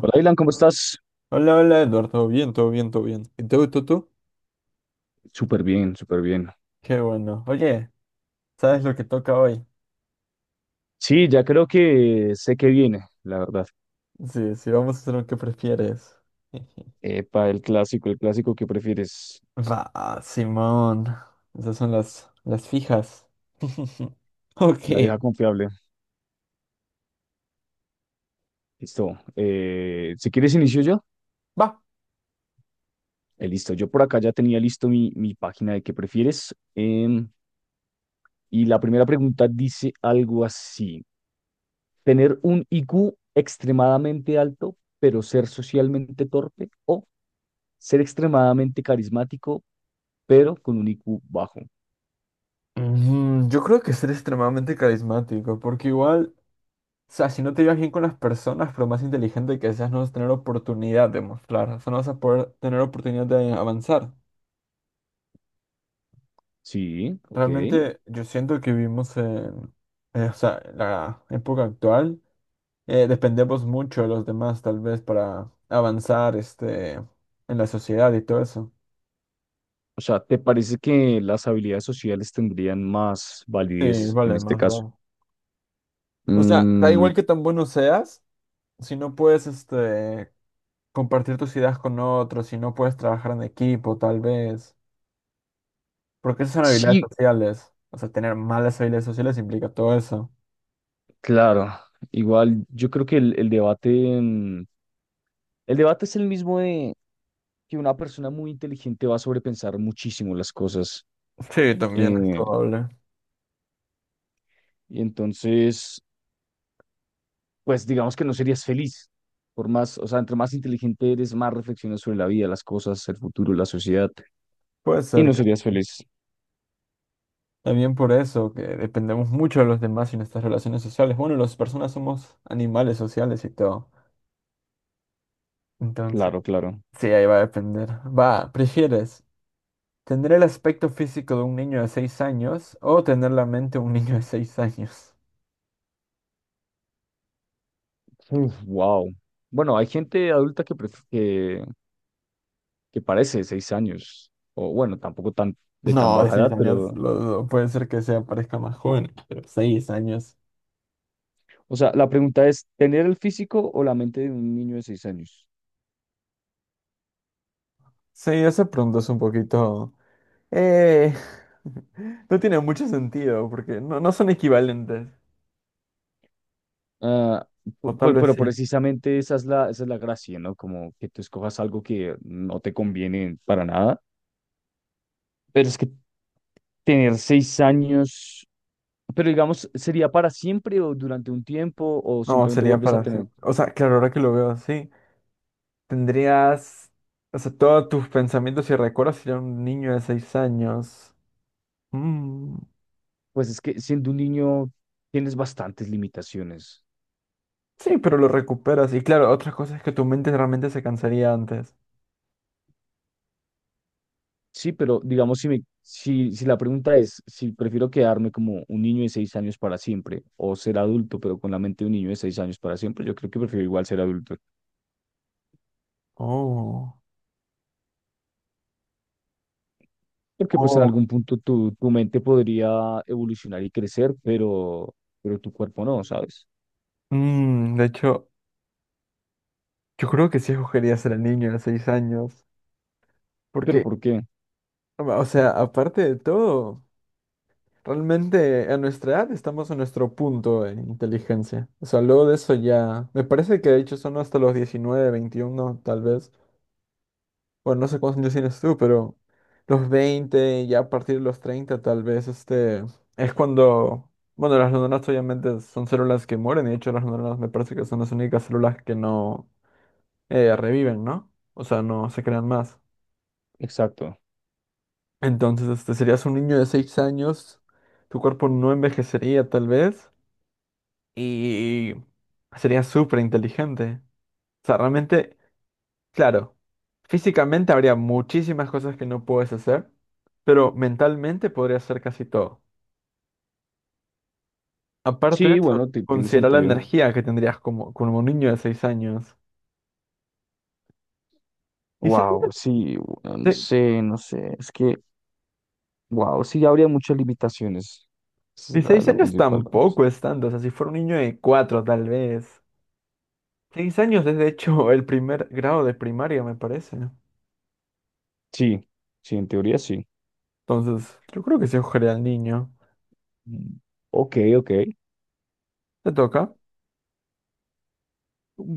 Hola, Dylan, ¿cómo estás? hola, hola Eduardo, todo bien, todo bien, todo bien. ¿Y tú? Súper bien, súper bien. Qué bueno. Oye, ¿sabes lo que toca hoy? Sí, ya creo que sé que viene, la verdad. Sí, sí, vamos a hacer lo que prefieres. Epa, el clásico que prefieres, Va, Simón. Esas son las fijas. Ok, la vieja confiable. Listo. Si quieres, inicio yo. va. Listo, yo por acá ya tenía listo mi página de qué prefieres. Y la primera pregunta dice algo así. ¿Tener un IQ extremadamente alto, pero ser socialmente torpe? ¿O ser extremadamente carismático, pero con un IQ bajo? Mm, yo creo que ser extremadamente carismático, porque igual, o sea, si no te llevas bien con las personas, pero más inteligente que seas, no vas a tener oportunidad de mostrar, o sea, no vas a poder tener oportunidad de avanzar. Sí, ok. Realmente yo siento que vivimos en, o sea, en la época actual. Dependemos mucho de los demás tal vez para avanzar este, en la sociedad y todo eso. O sea, ¿te parece que las habilidades sociales tendrían más Sí, validez en vale, este más caso? vale. O sea, da Mm, igual que tan bueno seas, si no puedes este, compartir tus ideas con otros, si no puedes trabajar en equipo tal vez, porque esas son habilidades sí, sociales. O sea, tener malas habilidades sociales implica todo eso. claro. Igual yo creo que el debate, mm, el debate es el mismo de que una persona muy inteligente va a sobrepensar muchísimo las cosas. Sí, también es Eh, probable. Entonces, pues digamos que no serías feliz. Por más, o sea, entre más inteligente eres, más reflexionas sobre la vida, las cosas, el futuro, la sociedad. Puede Y no ser. serías feliz. También por eso, que dependemos mucho de los demás y nuestras relaciones sociales. Bueno, las personas somos animales sociales y todo. Entonces, Claro, claro. sí, ahí va a depender. Va, ¿prefieres tener el aspecto físico de un niño de 6 años o tener la mente de un niño de 6 años? Wow. Bueno, hay gente adulta que que parece de 6 años, o bueno, tampoco tan, de tan No, de baja 6 edad, años pero, lo dudo. Puede ser que sea parezca más joven, pero 6 años. o sea, la pregunta es, ¿tener el físico o la mente de un niño de 6 años? Sí, ese pronto es un poquito. Eh, no tiene mucho sentido porque no, no son equivalentes. Ah, O tal vez pero sí. precisamente esa es la gracia, ¿no? Como que tú escojas algo que no te conviene para nada. Pero es que tener 6 años, pero digamos, ¿sería para siempre o durante un tiempo o No, simplemente sería vuelves a para tener? siempre. O sea, claro, ahora que lo veo así, tendrías, o sea, todos tus pensamientos y recuerdos serían un niño de 6 años. Mm, Pues es que siendo un niño tienes bastantes limitaciones. sí, pero lo recuperas. Y claro, otra cosa es que tu mente realmente se cansaría antes. Sí, pero digamos, si la pregunta es si prefiero quedarme como un niño de 6 años para siempre o ser adulto, pero con la mente de un niño de 6 años para siempre, yo creo que prefiero igual ser adulto, Oh. porque pues en Oh. algún punto tu mente podría evolucionar y crecer, pero tu cuerpo no, ¿sabes? Mm, de hecho, yo creo que sí escogería ser el niño de 6 años. Porque, Pero ¿por qué? o sea, aparte de todo. Realmente a nuestra edad estamos en nuestro punto en inteligencia. O sea, luego de eso ya. Me parece que de hecho son hasta los 19, 21, tal vez. Bueno, no sé cuántos años tienes tú, pero los 20 ya a partir de los 30, tal vez, este. Es cuando. Bueno, las neuronas obviamente son células que mueren. Y de hecho, las neuronas me parece que son las únicas células que no reviven, ¿no? O sea, no se crean más. Exacto. Entonces, este, serías un niño de 6 años. Tu cuerpo no envejecería tal vez. Y sería súper inteligente. O sea, realmente, claro, físicamente habría muchísimas cosas que no puedes hacer, pero mentalmente podrías hacer casi todo. Aparte de Sí, eso, bueno, tiene considera la sentido. energía que tendrías como un niño de 6 años. Y seis Wow, sí, bueno, no años sé, no sé, wow, sí, habría muchas limitaciones. Esa y es la, seis la años principal. Cosa. tampoco es tanto, o sea, si fuera un niño de 4 tal vez. 6 años es de hecho el primer grado de primaria, me parece. Sí, sí, en teoría sí. Entonces, yo creo que se ojaría al niño. Mm, ok, ok. ¿Te toca?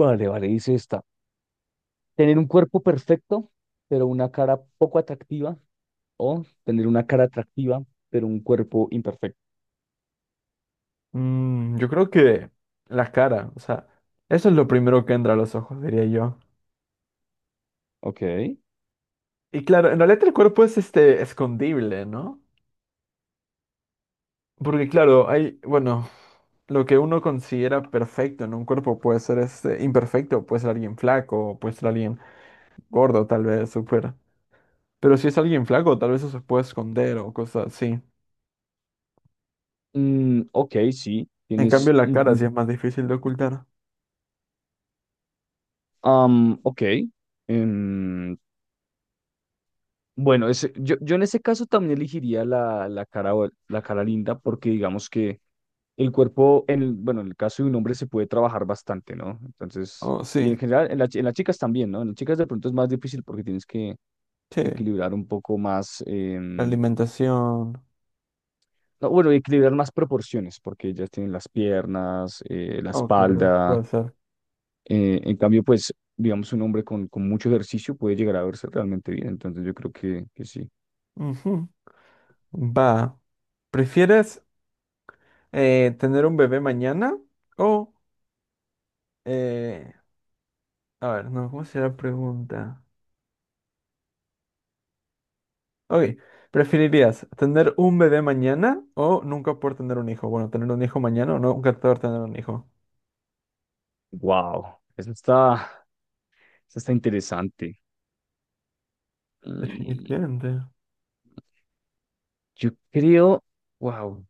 Vale, vale, dice esta. Tener un cuerpo perfecto, pero una cara poco atractiva. O tener una cara atractiva, pero un cuerpo imperfecto. Mm, yo creo que la cara, o sea, eso es lo primero que entra a los ojos, diría yo. Ok. Y claro, en realidad el cuerpo es este escondible, ¿no? Porque claro, hay, bueno, lo que uno considera perfecto en un cuerpo puede ser este imperfecto, puede ser alguien flaco, puede ser alguien gordo, tal vez, súper. Pero si es alguien flaco, tal vez eso se puede esconder o cosas así. Mm, ok, sí, En cambio, tienes la un cara sí punto. es más difícil de ocultar. Ok. Em, Bueno, yo, yo en ese caso también elegiría la, la cara, o- la cara linda porque digamos que el cuerpo, en el, bueno, en el caso de un hombre se puede trabajar bastante, ¿no? Entonces, Oh, y sí, en general en, en las chicas también, ¿no? En las chicas de pronto es más difícil porque tienes que sí. equilibrar un poco más, La alimentación. no, bueno, equilibrar más proporciones porque ellas tienen las piernas, la Oh, claro, espalda. puede ser. En cambio, pues, digamos, un hombre con mucho ejercicio puede llegar a verse realmente bien. Entonces, yo creo que sí. Ujú. Va. ¿Prefieres tener un bebé mañana o. eh, a ver, no, ¿cómo será la pregunta? Ok, ¿preferirías tener un bebé mañana o nunca poder tener un hijo? Bueno, tener un hijo mañana o nunca poder tener un hijo. Wow, eso está. Eso está interesante. Mm, Definitivamente. yo creo, wow.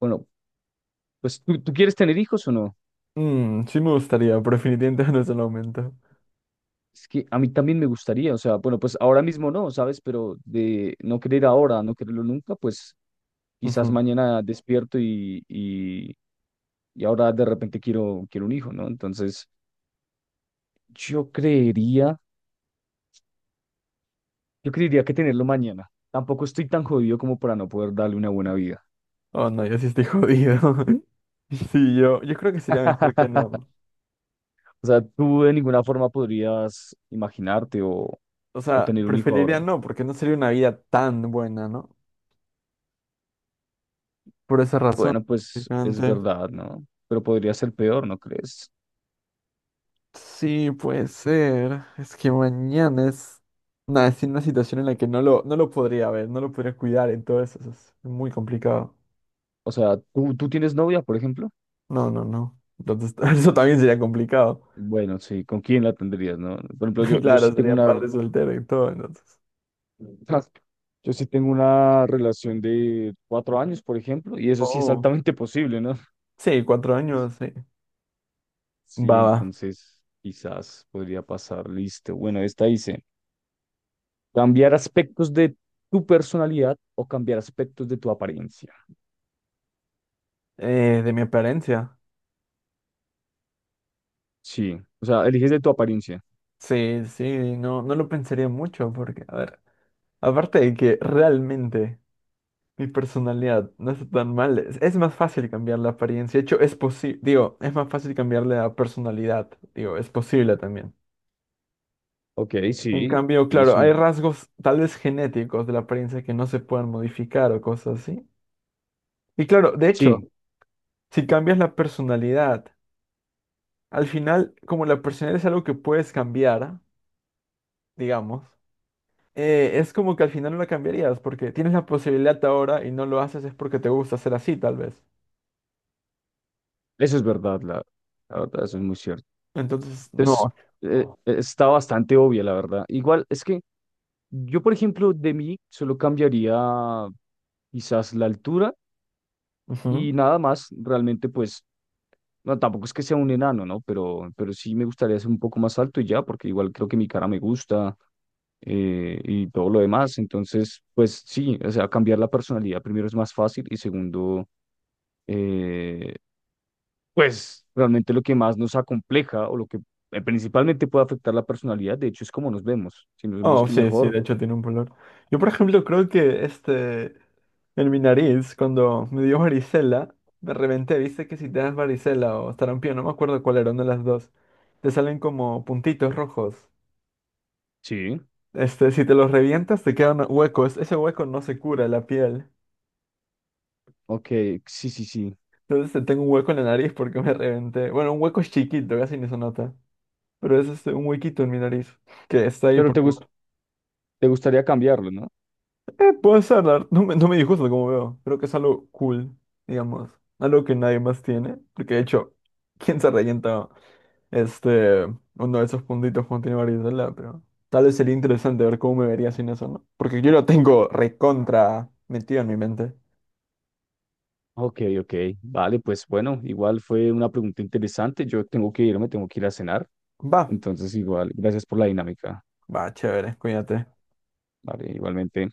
Bueno, pues ¿tú, tú quieres tener hijos o no? Mm, sí me gustaría, pero definitivamente no es el momento. Es que a mí también me gustaría, o sea, bueno, pues ahora mismo no, ¿sabes? Pero de no querer ahora, no quererlo nunca, pues quizás Ujú. mañana despierto y ahora de repente quiero, quiero un hijo, ¿no? Entonces, yo creería, yo creería que tenerlo mañana. Tampoco estoy tan jodido como para no poder darle una buena vida. Oh, no, yo sí estoy jodido. Sí, yo creo que sería mejor que no. O sea, tú de ninguna forma podrías imaginarte O o sea, tener un hijo ahora. preferiría no, porque no sería una vida tan buena, ¿no? Por esa razón, Bueno, pues es gigante. verdad, ¿no? Pero podría ser peor, ¿no crees? Sí, puede ser. Es que mañana es, nada, es una situación en la que no lo podría ver, no lo podría cuidar, entonces es muy complicado. O sea, ¿tú, tú tienes novia, por ejemplo? No, no, no. Entonces, eso también sería complicado. Bueno, sí, ¿con quién la tendrías, no? Por ejemplo, yo, Y yo sí claro, tengo sería una, padre soltero y todo, entonces. yo sí tengo una relación de 4 años, por ejemplo, y eso sí es Oh. altamente posible, ¿no? Sí, 4 años, sí. Sí, Va, va. entonces quizás podría pasar, listo. Bueno, esta hice. Cambiar aspectos de tu personalidad o cambiar aspectos de tu apariencia. De mi apariencia. Sí, o sea, eliges de tu apariencia. Sí, sí, no, no lo pensaría mucho porque, a ver, aparte de que realmente mi personalidad no está tan mal. Es más fácil cambiar la apariencia. De hecho, es posible, digo, es más fácil cambiarle la personalidad. Digo, es posible también. Ok, En sí, cambio, tienes claro, hay un... rasgos tal vez genéticos de la apariencia que no se pueden modificar o cosas así. Y claro, de hecho, Sí, si cambias la personalidad, al final, como la personalidad es algo que puedes cambiar, digamos, es como que al final no la cambiarías porque tienes la posibilidad ahora y no lo haces es porque te gusta ser así, tal vez. eso es verdad, la verdad, eso es muy cierto. Entonces, Entonces, no. Está bastante obvia, la verdad. Igual, es que yo, por ejemplo, de mí solo cambiaría quizás la altura Ujú. y nada más, realmente, pues, no, tampoco es que sea un enano, ¿no? Pero sí me gustaría ser un poco más alto y ya, porque igual creo que mi cara me gusta. Todo lo demás. Entonces, pues sí, o sea, cambiar la personalidad primero es más fácil y segundo, eh, pues realmente lo que más nos acompleja o lo que principalmente puede afectar la personalidad, de hecho, es cómo nos vemos. Si nos vemos Oh, que sí, sí, mejor, de hecho tiene un color. Yo, por ejemplo, creo que este, en mi nariz, cuando me dio varicela, me reventé. Viste que si te das varicela o sarampión, no me acuerdo cuál era, una de las dos, te salen como puntitos rojos. sí, Este, si te los revientas, te quedan huecos. Ese hueco no se cura la piel. ok, sí, sí, sí. Entonces tengo un hueco en la nariz porque me reventé. Bueno, un hueco es chiquito, casi ni se nota. Pero es este, un huequito en mi nariz que está ahí Pero te porque. gus- te gustaría cambiarlo, ¿no? Puede ser, la verdad, no me disgusta como veo. Creo que es algo cool, digamos. Algo que nadie más tiene. Porque de hecho, ¿quién se rellenta este, uno de esos puntitos cuando tiene varicela? Pero tal vez sería interesante ver cómo me vería sin eso, ¿no? Porque yo lo tengo recontra metido en mi mente. Ok, ok, vale, pues bueno, igual fue una pregunta interesante. Yo tengo que irme, tengo que ir a cenar. Va, Entonces, igual, gracias por la dinámica. va, chévere, cuídate. Vale, igualmente.